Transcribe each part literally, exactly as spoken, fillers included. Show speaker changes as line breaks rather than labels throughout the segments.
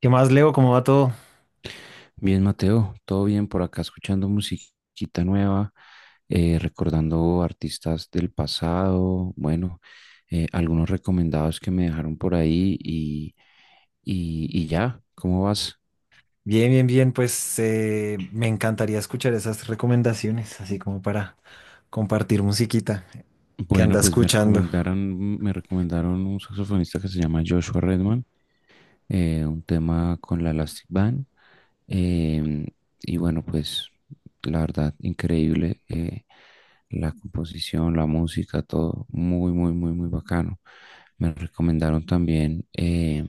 ¿Qué más, Leo? ¿Cómo va todo?
Bien, Mateo, todo bien por acá, escuchando musiquita nueva, eh, recordando artistas del pasado, bueno, eh, algunos recomendados que me dejaron por ahí y, y, y ya, ¿cómo vas?
Bien, bien, bien. Pues eh, me encantaría escuchar esas recomendaciones, así como para compartir musiquita que
Bueno,
anda
pues me
escuchando.
recomendaron, me recomendaron un saxofonista que se llama Joshua Redman, eh, un tema con la Elastic Band. Em, y bueno, pues la verdad, increíble. Eh, la composición, la música, todo muy, muy, muy, muy bacano. Me recomendaron también eh,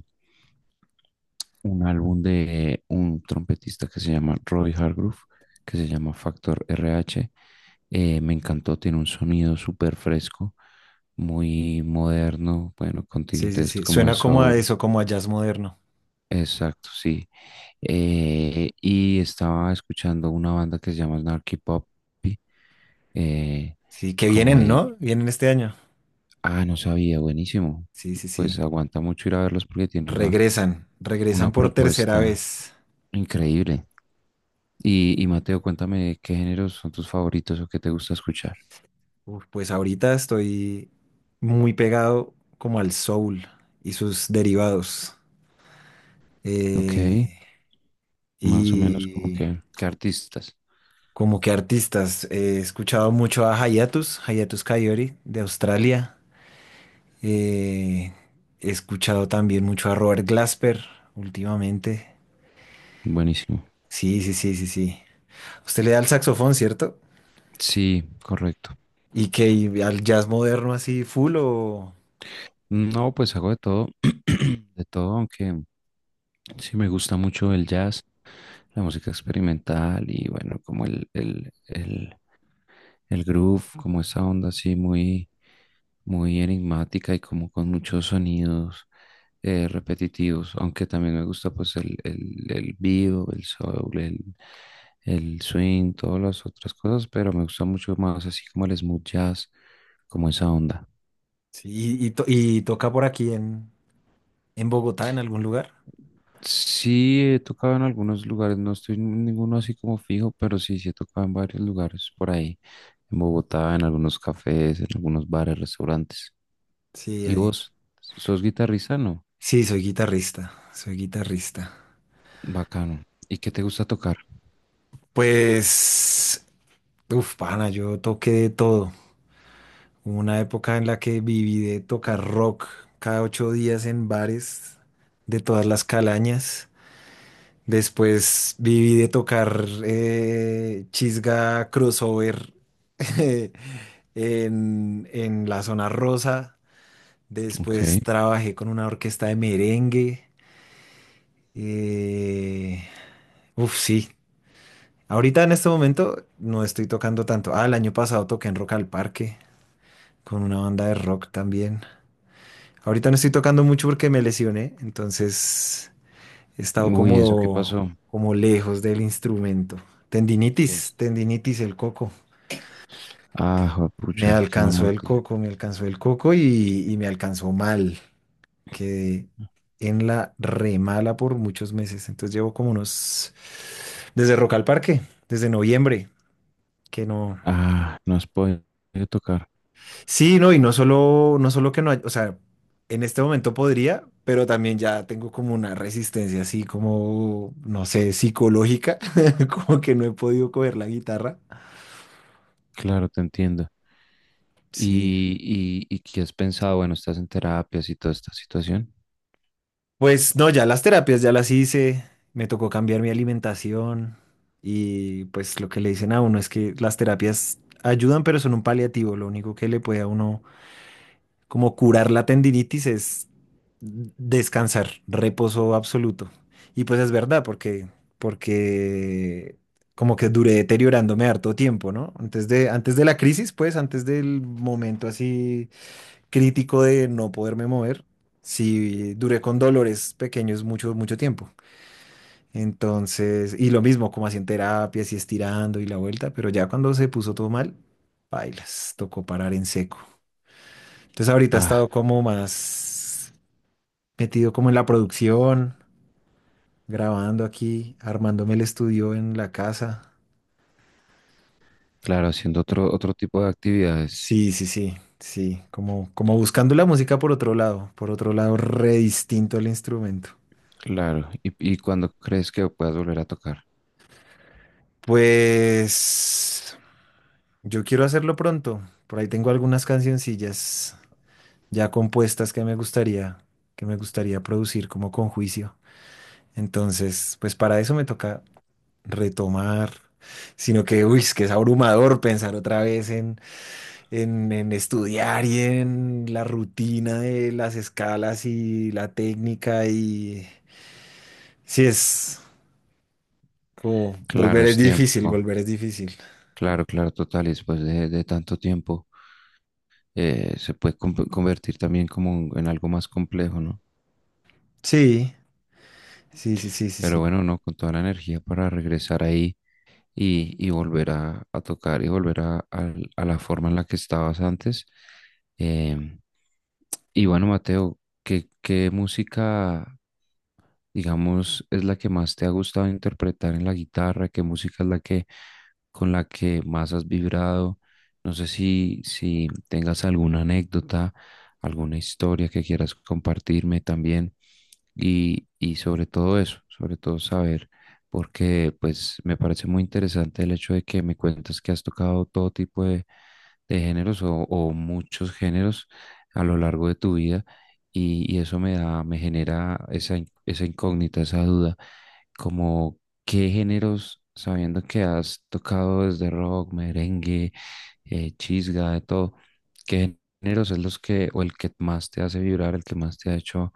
un álbum de un trompetista que se llama Roy Hargrove, que se llama Factor R H. Eh, me encantó, tiene un sonido súper fresco, muy moderno, bueno, con
Sí, sí,
tintes
sí.
como de
Suena como a
soul.
eso, como a jazz moderno.
Exacto, sí. Eh, y estaba escuchando una banda que se llama Snarky Puppy. eh,
Sí, que
Como
vienen,
ahí,
¿no? Vienen este año.
ah, no sabía, buenísimo.
Sí, sí,
Pues
sí.
aguanta mucho ir a verlos porque tiene una,
Regresan, regresan
una
por tercera
propuesta
vez.
increíble. Y, y Mateo, cuéntame qué géneros son tus favoritos o qué te gusta escuchar.
Uf, pues ahorita estoy muy pegado como al soul y sus derivados.
Ok,
Eh,
más o menos como
y
que, qué artistas.
como que artistas, eh, he escuchado mucho a Hayatus, Hayatus Kaiori de Australia. Eh, he escuchado también mucho a Robert Glasper últimamente.
Buenísimo.
Sí, sí, sí, sí, sí. Usted le da al saxofón, ¿cierto?
Sí, correcto.
¿Y que y al jazz moderno así full o...?
No, pues hago de todo, de todo, aunque sí, me gusta mucho el jazz, la música experimental y bueno, como el, el, el, el groove, como esa onda así muy, muy enigmática y como con muchos sonidos eh, repetitivos, aunque también me gusta pues el, el, el vivo, el soul, el, el swing, todas las otras cosas, pero me gusta mucho más así como el smooth jazz, como esa onda.
Sí, y, y to- y toca por aquí en, en Bogotá, en algún lugar.
Sí, he tocado en algunos lugares, no estoy en ninguno así como fijo, pero sí, sí he tocado en varios lugares por ahí, en Bogotá, en algunos cafés, en algunos bares, restaurantes.
Sí,
¿Y
ahí.
vos? ¿Sos guitarrista? No.
Sí, soy guitarrista, soy guitarrista.
Bacano. ¿Y qué te gusta tocar?
Pues, uf, pana, yo toqué de todo. Hubo una época en la que viví de tocar rock cada ocho días en bares de todas las calañas. Después viví de tocar eh, chisga crossover en, en la zona rosa.
Ok.
Después trabajé con una orquesta de merengue. Eh, uf, sí. Ahorita en este momento no estoy tocando tanto. Ah, el año pasado toqué en Rock al Parque con una banda de rock también. Ahorita no estoy tocando mucho porque me lesioné, entonces he estado
Uy, ¿eso qué
como,
pasó?
como lejos del instrumento.
¿Qué?
Tendinitis, tendinitis, el coco.
Ah,
Me
juepucha, qué mala
alcanzó el
noticia.
coco, me alcanzó el coco y, y me alcanzó mal. Quedé en la remala por muchos meses. Entonces llevo como unos, desde Rock al Parque, desde noviembre, que no.
Ah, no has podido tocar.
Sí, no, y no solo, no solo que no hay, o sea, en este momento podría, pero también ya tengo como una resistencia así como, no sé, psicológica, como que no he podido coger la guitarra.
Claro, te entiendo.
Sí.
¿Y, y, y qué has pensado? Bueno, estás en terapias y toda esta situación.
Pues no, ya las terapias ya las hice, me tocó cambiar mi alimentación y pues lo que le dicen a uno es que las terapias ayudan, pero son un paliativo, lo único que le puede a uno como curar la tendinitis es descansar, reposo absoluto. Y pues es verdad, porque, porque como que duré deteriorándome harto tiempo, ¿no? Antes de, antes de la crisis, pues, antes del momento así crítico de no poderme mover, sí duré con dolores pequeños mucho, mucho tiempo. Entonces, y lo mismo, como así en terapia, así estirando y la vuelta, pero ya cuando se puso todo mal, bailas, tocó parar en seco. Entonces ahorita he
Ah,
estado como más metido como en la producción, grabando aquí, armándome el estudio en la casa.
claro, haciendo otro, otro tipo de actividades.
Sí, sí, sí, sí, como, como buscando la música por otro lado, por otro lado re distinto al instrumento.
Claro. ¿Y, y cuándo crees que puedas volver a tocar?
Pues yo quiero hacerlo pronto. Por ahí tengo algunas cancioncillas ya compuestas que me gustaría, que me gustaría producir como con juicio. Entonces, pues para eso me toca retomar, sino que, uy, es que es abrumador pensar otra vez en, en, en estudiar y en la rutina de las escalas y la técnica y sí es como
Claro,
volver es
es
difícil,
tiempo.
volver es difícil.
Claro, claro, total. Y después de, de tanto tiempo, eh, se puede com- convertir también como un- en algo más complejo, ¿no?
Sí, sí, sí, sí, sí,
Pero
sí,
bueno, no, con toda la energía para regresar ahí y, y volver a, a tocar y volver a, al- a la forma en la que estabas antes. Em, y bueno, Mateo, ¿qué, qué música, digamos, es la que más te ha gustado interpretar en la guitarra? ¿Qué música es la que con la que más has vibrado? No sé si, si tengas alguna anécdota, alguna historia que quieras compartirme también y, y sobre todo eso, sobre todo saber, porque pues me parece muy interesante el hecho de que me cuentas que has tocado todo tipo de de géneros o, o muchos géneros a lo largo de tu vida y, y eso me da, me genera esa, in- esa incógnita, esa duda, como qué géneros, sabiendo que has tocado desde rock, merengue, eh, chisga, de todo, qué géneros es los que o el que más te hace vibrar, el que más te ha hecho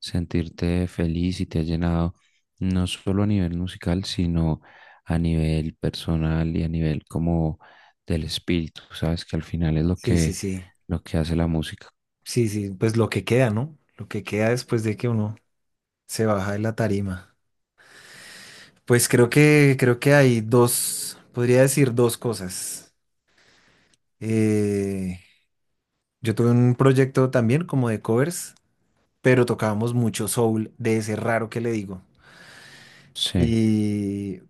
sentirte feliz y te ha llenado, no solo a nivel musical, sino a nivel personal y a nivel como del espíritu, ¿sabes? Que al final es lo
sí, sí,
que,
sí,
lo que hace la música.
sí, sí, pues lo que queda, ¿no? Lo que queda después de que uno se baja de la tarima. Pues creo que, creo que hay dos, podría decir dos cosas. Eh, Yo tuve un proyecto también como de covers, pero tocábamos mucho soul, de ese raro que le digo.
Sí,
Y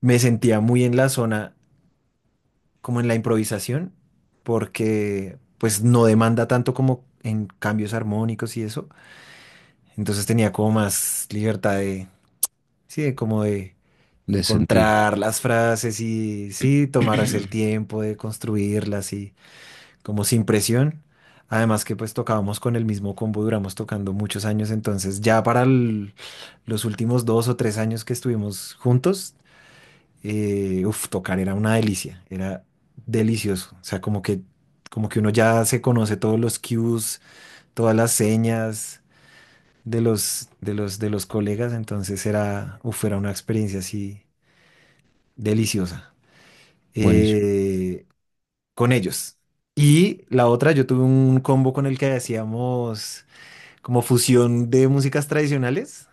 me sentía muy en la zona, como en la improvisación, porque pues no demanda tanto como en cambios armónicos y eso. Entonces tenía como más libertad de, sí, de como de
de sentir.
encontrar las frases y sí, tomarse el tiempo de construirlas y como sin presión. Además que pues tocábamos con el mismo combo, duramos tocando muchos años, entonces ya para el- los últimos dos o tres años que estuvimos juntos, eh, uf, tocar era una delicia, era delicioso. O sea, como que, como que uno ya se conoce todos los cues, todas las señas de los, de los, de los colegas, entonces era, uf, era una experiencia así deliciosa.
Buenísimo.
Eh, con ellos. Y la otra, yo tuve un combo con el que hacíamos como fusión de músicas tradicionales.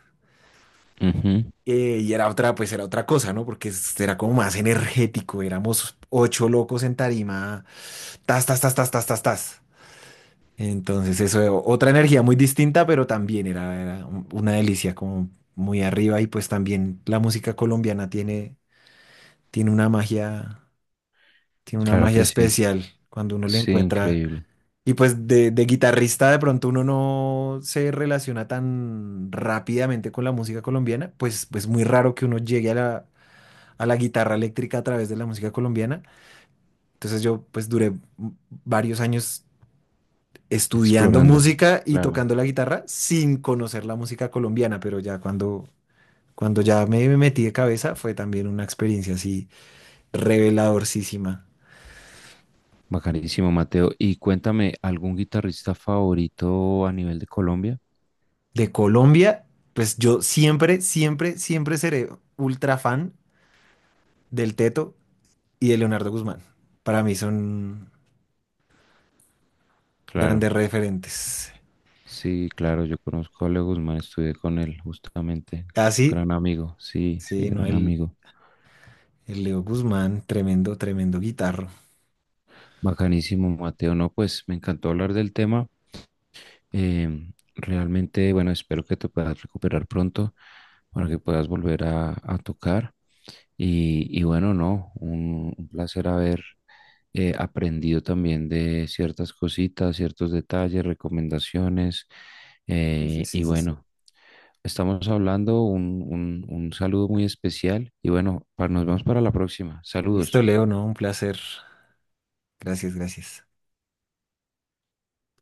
Ujú.
eh, y era otra, pues era otra cosa, ¿no? Porque es- era como más energético. Éramos ocho locos en tarima. Tas, tas, tas, tas, tas, tas, tas. Entonces, eso, otra energía muy distinta, pero también era, era un- una delicia, como muy arriba. Y pues también la música colombiana tiene, tiene una magia, tiene una
Claro
magia
que sí.
especial cuando uno le
Sí,
encuentra.
increíble.
Y pues de, de guitarrista de pronto uno no se relaciona tan rápidamente con la música colombiana, pues pues muy raro que uno llegue a la, a la guitarra eléctrica a través de la música colombiana. Entonces yo pues duré m- varios años estudiando
Explorando.
música y
Claro.
tocando la guitarra sin conocer la música colombiana, pero ya cuando, cuando ya me, me metí de cabeza fue también una experiencia así reveladorcísima.
Bacanísimo, Mateo. Y cuéntame, ¿algún guitarrista favorito a nivel de Colombia?
De Colombia, pues yo siempre, siempre, siempre seré ultra fan del Teto y de Leonardo Guzmán. Para mí son
Claro.
grandes referentes.
Sí, claro, yo conozco a Leo Guzmán, estudié con él justamente.
Así,
Gran amigo, sí,
sí,
sí,
sí, no,
gran
el,
amigo.
el Leo Guzmán, tremendo, tremendo guitarro.
Bacanísimo, Mateo. No, pues me encantó hablar del tema. Em, realmente, bueno, espero que te puedas recuperar pronto para que puedas volver a, a tocar. Y, y bueno, no, un, un placer haber eh, aprendido también de ciertas cositas, ciertos detalles, recomendaciones.
Sí, sí,
Eh, y
sí, sí, sí.
bueno, estamos hablando un, un un saludo muy especial. Y bueno, pa- nos vemos para la próxima.
Listo,
Saludos.
Leo, no, un placer. Gracias, gracias.